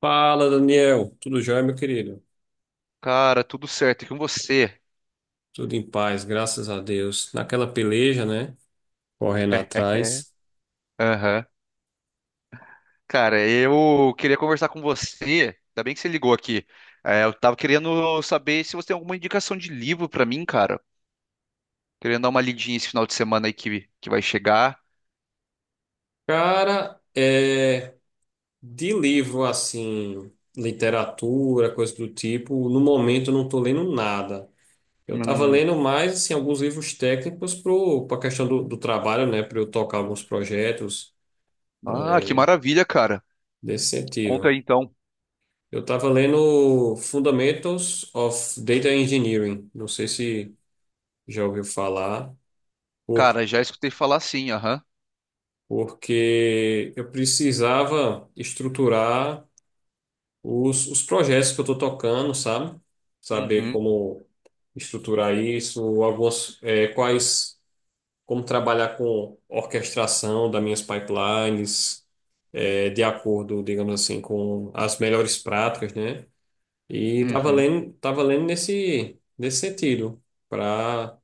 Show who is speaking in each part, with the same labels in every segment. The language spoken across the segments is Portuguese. Speaker 1: Fala, Daniel. Tudo jóia, meu querido?
Speaker 2: Cara, tudo certo. E com você?
Speaker 1: Tudo em paz, graças a Deus. Naquela peleja, né? Correndo
Speaker 2: É.
Speaker 1: atrás.
Speaker 2: Aham. Cara, eu queria conversar com você. Ainda bem que você ligou aqui. É, eu tava querendo saber se você tem alguma indicação de livro pra mim, cara. Querendo dar uma lidinha esse final de semana aí que vai chegar.
Speaker 1: Cara, é de livro assim, literatura, coisa do tipo, no momento eu não tô lendo nada. Eu tava
Speaker 2: Hum.
Speaker 1: lendo mais assim alguns livros técnicos pro para questão do trabalho, né, para eu tocar alguns projetos
Speaker 2: Ah, que maravilha, cara.
Speaker 1: desse
Speaker 2: Conta
Speaker 1: sentido.
Speaker 2: aí então.
Speaker 1: Eu tava lendo Fundamentals of Data Engineering. Não sei se já ouviu falar.
Speaker 2: Cara, já escutei falar sim, aham.
Speaker 1: Porque eu precisava estruturar os projetos que eu estou tocando, sabe? Saber
Speaker 2: Uhum,
Speaker 1: como estruturar isso, algumas, quais, como trabalhar com orquestração das minhas pipelines, de acordo, digamos assim, com as melhores práticas, né? E estava
Speaker 2: uhum.
Speaker 1: lendo, tava lendo nesse sentido, para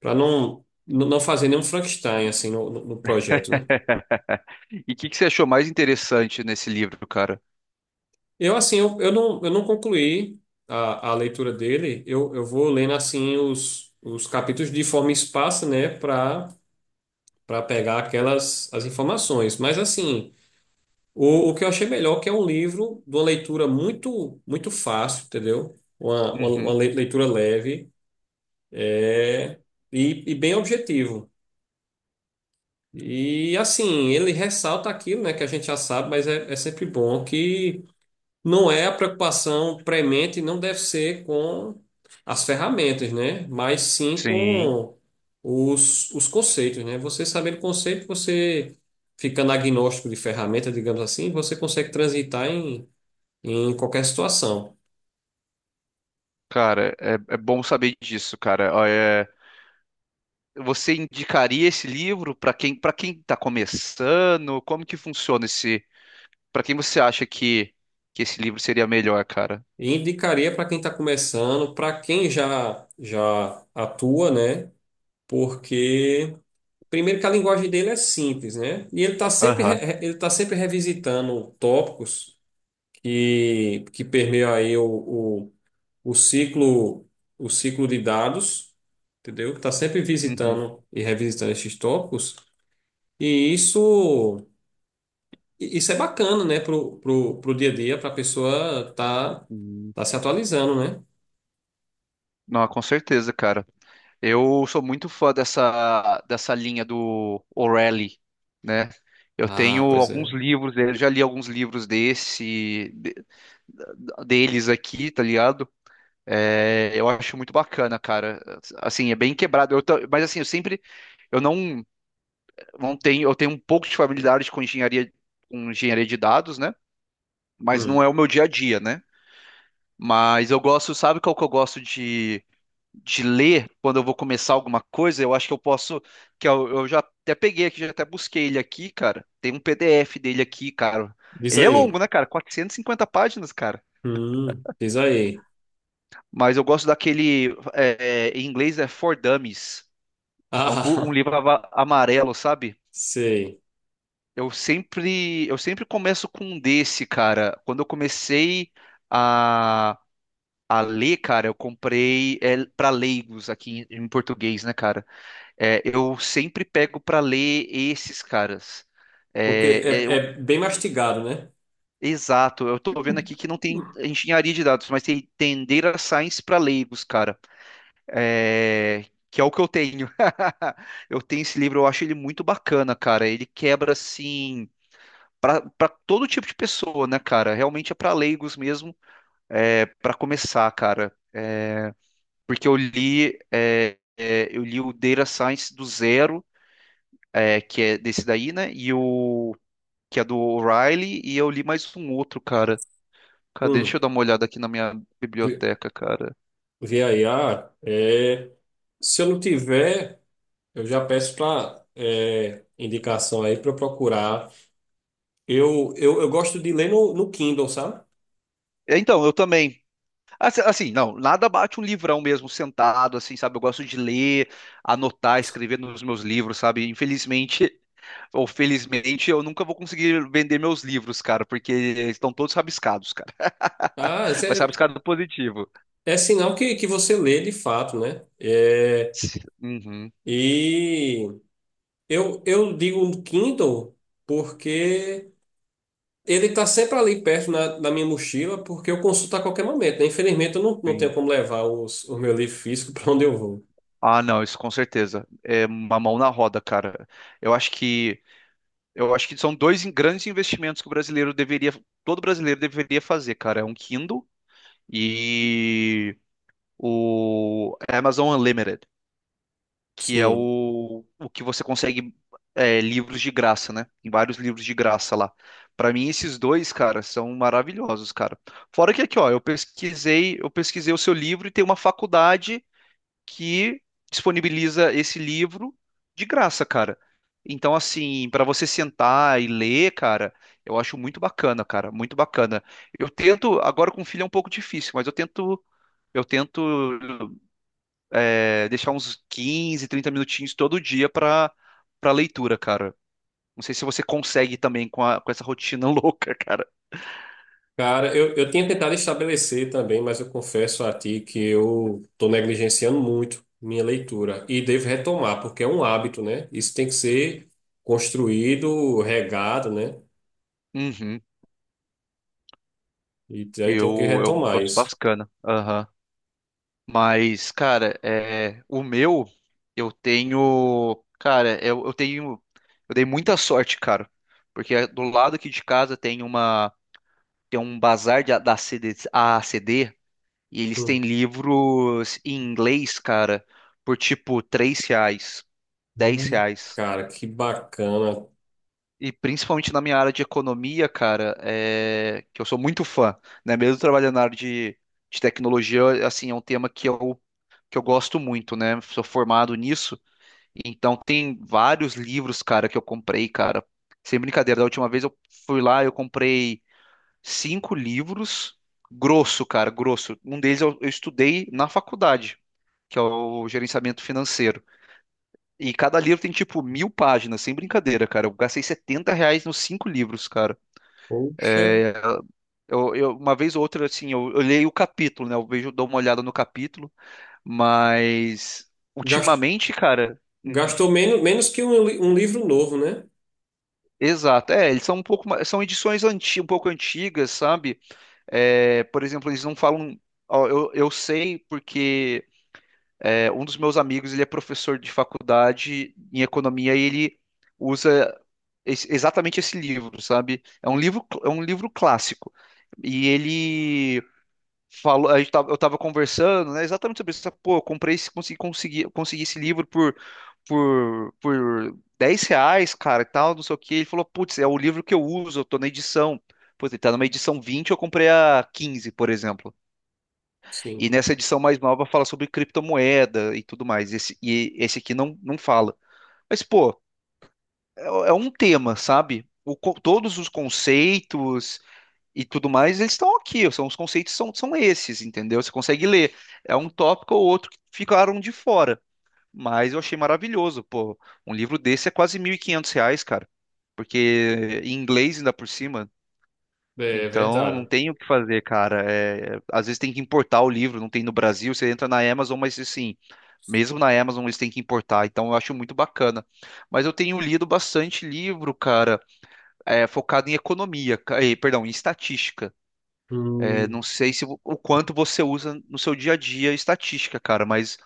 Speaker 1: para não fazer nenhum Frankenstein assim no, no projeto, né?
Speaker 2: E o que você achou mais interessante nesse livro, cara?
Speaker 1: Eu, assim, eu não, eu não concluí a leitura dele. Eu vou lendo, assim, os capítulos de forma esparsa, né, para para pegar aquelas as informações. Mas, assim, o que eu achei melhor é que é um livro de uma leitura muito, muito fácil, entendeu? Uma,
Speaker 2: Uhum.
Speaker 1: leitura leve é, e bem objetivo. E, assim, ele ressalta aquilo, né, que a gente já sabe, mas é, é sempre bom. Não é a preocupação premente, não deve ser com as ferramentas, né? Mas sim
Speaker 2: Sim.
Speaker 1: com os conceitos, né? Você sabendo o conceito, você ficando agnóstico de ferramenta, digamos assim, você consegue transitar em, em qualquer situação.
Speaker 2: Cara, é bom saber disso, cara. Ó, você indicaria esse livro para quem está começando? Como que funciona esse? Para quem você acha que esse livro seria melhor, cara?
Speaker 1: E indicaria para quem está começando, para quem já, já atua, né? Porque, primeiro, que a linguagem dele é simples, né? E ele está sempre,
Speaker 2: Aham.
Speaker 1: ele tá sempre revisitando tópicos que permeia aí o ciclo, o ciclo de dados, entendeu? Que está sempre
Speaker 2: Uhum.
Speaker 1: visitando e revisitando esses tópicos. E isso é bacana, né, pro, pro, pro dia a dia, para a pessoa tá,
Speaker 2: Uhum.
Speaker 1: tá se atualizando, né?
Speaker 2: Não, com certeza, cara. Eu sou muito fã dessa linha do O'Reilly, né? Eu tenho
Speaker 1: Ah, pois
Speaker 2: alguns
Speaker 1: é.
Speaker 2: livros dele, já li alguns livros deles aqui, tá ligado? É, eu acho muito bacana, cara. Assim, é bem quebrado. Mas assim, eu sempre, eu não. Não tenho, eu tenho um pouco de familiaridade com engenharia de dados, né? Mas não
Speaker 1: Hum,
Speaker 2: é o meu dia a dia, né? Mas eu gosto, sabe qual que eu gosto de ler quando eu vou começar alguma coisa? Eu acho que eu posso, que eu já até peguei aqui, já até busquei ele aqui, cara. Tem um PDF dele aqui, cara.
Speaker 1: diz
Speaker 2: Ele é
Speaker 1: aí.
Speaker 2: longo, né, cara? 450 páginas, cara.
Speaker 1: Diz aí.
Speaker 2: Mas eu gosto daquele, em inglês é For Dummies. É um
Speaker 1: Ah,
Speaker 2: livro amarelo, sabe?
Speaker 1: sei.
Speaker 2: Eu sempre começo com um desse, cara. Quando eu comecei a, a ler, cara, eu comprei para leigos aqui em português, né, cara? É, eu sempre pego para ler esses caras.
Speaker 1: Porque é,
Speaker 2: É, é, eu-
Speaker 1: é bem mastigado, né?
Speaker 2: Exato. Eu tô vendo aqui que não tem engenharia de dados, mas tem Tendera Science para leigos, cara. É, que é o que eu tenho. Eu tenho esse livro, eu acho ele muito bacana, cara. Ele quebra assim para todo tipo de pessoa, né, cara? Realmente é para leigos mesmo, é, para começar, cara. É, porque eu li o Data Science do Zero, é, que é desse daí, né? E o que é do O'Reilly, e eu li mais um outro, cara. Cadê? Deixa eu
Speaker 1: Hum,
Speaker 2: dar uma olhada aqui na minha
Speaker 1: vê
Speaker 2: biblioteca, cara.
Speaker 1: vê aí. Ah, é. Se eu não tiver. Eu já peço para indicação aí para eu procurar. Eu gosto de ler no, no Kindle, sabe?
Speaker 2: É, então, eu também. Não, nada bate um livrão mesmo, sentado, assim, sabe? Eu gosto de ler, anotar, escrever nos meus livros, sabe? Infelizmente, ou felizmente eu nunca vou conseguir vender meus livros, cara, porque estão todos rabiscados, cara.
Speaker 1: Ah, isso
Speaker 2: Mas
Speaker 1: é,
Speaker 2: rabiscado positivo.
Speaker 1: é sinal que você lê de fato, né? É,
Speaker 2: Uhum,
Speaker 1: e eu digo no Kindle porque ele está sempre ali perto na, na minha mochila, porque eu consulto a qualquer momento, né? Infelizmente, eu não
Speaker 2: sim.
Speaker 1: tenho como levar os, o meu livro físico para onde eu vou.
Speaker 2: Ah, não, isso com certeza. É uma mão na roda, cara. Eu acho que eu acho que são dois grandes investimentos que o brasileiro deveria, todo brasileiro deveria fazer, cara. É um Kindle e o Amazon Unlimited, que é
Speaker 1: Sim.
Speaker 2: o que você consegue, livros de graça, né? Tem vários livros de graça lá. Pra mim, esses dois, cara, são maravilhosos, cara. Fora que aqui, ó, eu pesquisei o seu livro e tem uma faculdade que disponibiliza esse livro de graça, cara. Então, assim, pra você sentar e ler, cara, eu acho muito bacana, cara, muito bacana. Eu tento, agora com o filho é um pouco difícil, mas eu tento deixar uns 15 30 minutinhos todo dia para leitura, cara. Não sei se você consegue também com essa rotina louca, cara.
Speaker 1: Cara, eu tinha tentado estabelecer também, mas eu confesso a ti que eu estou negligenciando muito minha leitura e devo retomar, porque é um hábito, né? Isso tem que ser construído, regado, né?
Speaker 2: Uhum.
Speaker 1: E aí tenho que
Speaker 2: Eu
Speaker 1: retomar
Speaker 2: gosto,
Speaker 1: isso.
Speaker 2: bacana. Aham. Mas, cara, o meu, eu tenho. Cara, eu tenho. Eu dei muita sorte, cara. Porque do lado aqui de casa tem uma. Tem um bazar da CD, AACD. E eles têm
Speaker 1: Hum.
Speaker 2: livros em inglês, cara, por tipo R$ 3, R$ 10.
Speaker 1: Cara, que bacana.
Speaker 2: E principalmente na minha área de economia, cara, que eu sou muito fã, né? Mesmo trabalhando na área de tecnologia, assim, é um tema que eu gosto muito, né? Sou formado nisso. Então tem vários livros, cara, que eu comprei, cara. Sem brincadeira, da última vez eu fui lá, eu comprei cinco livros, grosso, cara, grosso. Um deles eu estudei na faculdade, que é o gerenciamento financeiro. E cada livro tem tipo 1.000 páginas, sem brincadeira, cara. Eu gastei R$ 70 nos cinco livros, cara.
Speaker 1: Poxa,
Speaker 2: É, uma vez ou outra, assim, eu leio o capítulo, né? Eu vejo, dou uma olhada no capítulo, mas
Speaker 1: Gast-
Speaker 2: ultimamente, cara. hum,
Speaker 1: gastou menos, menos que um, um livro novo, né?
Speaker 2: Exato, eles são um pouco, são edições um pouco antigas, sabe? É, por exemplo, eles não falam. Ó, eu sei porque um dos meus amigos ele é professor de faculdade em economia e ele usa exatamente esse livro, sabe? É um livro clássico. E ele falou, eu tava conversando, né, exatamente sobre isso. Pô, eu comprei esse, consegui esse livro por R$ 10, cara, e tal, não sei o quê. Ele falou, putz, é o livro que eu uso, eu tô na edição. Putz, ele tá numa edição 20, eu comprei a 15, por exemplo.
Speaker 1: Sim,
Speaker 2: E nessa edição mais nova fala sobre criptomoeda e tudo mais. E esse aqui não, não fala. Mas, pô, é um tema, sabe? Todos os conceitos e tudo mais, eles estão aqui, os conceitos são esses, entendeu? Você consegue ler. É um tópico ou outro que ficaram de fora, mas eu achei maravilhoso, pô. Um livro desse é quase R$ 1.500, cara, porque em inglês ainda por cima,
Speaker 1: é
Speaker 2: então não
Speaker 1: verdade.
Speaker 2: tem o que fazer, cara. Às vezes tem que importar o livro, não tem no Brasil, você entra na Amazon, mas assim, mesmo na Amazon eles têm que importar, então eu acho muito bacana. Mas eu tenho lido bastante livro, cara, focado em economia, perdão, em estatística. É,
Speaker 1: Hum,
Speaker 2: não sei se o quanto você usa no seu dia a dia estatística, cara, mas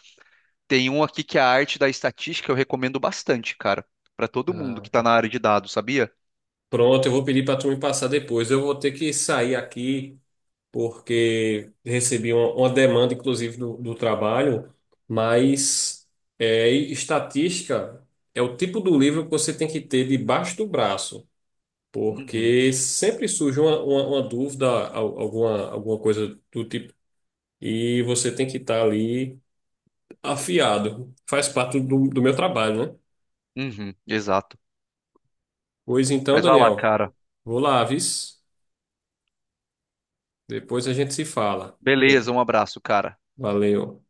Speaker 2: tem um aqui que é a arte da estatística, eu recomendo bastante, cara, pra todo mundo que
Speaker 1: tá.
Speaker 2: tá na área de dados, sabia?
Speaker 1: Pronto, eu vou pedir para tu me passar depois. Eu vou ter que sair aqui, porque recebi uma demanda, inclusive, do trabalho, mas é, e estatística é o tipo do livro que você tem que ter debaixo do braço,
Speaker 2: Uhum,
Speaker 1: porque sempre surge uma dúvida, alguma, alguma coisa do tipo, e você tem que estar ali afiado. Faz parte do meu trabalho, né?
Speaker 2: uhum, exato.
Speaker 1: Pois então,
Speaker 2: Mas vai lá,
Speaker 1: Daniel,
Speaker 2: cara.
Speaker 1: vou lá, vis. Depois a gente se fala. Beleza.
Speaker 2: Beleza, um abraço, cara.
Speaker 1: Valeu.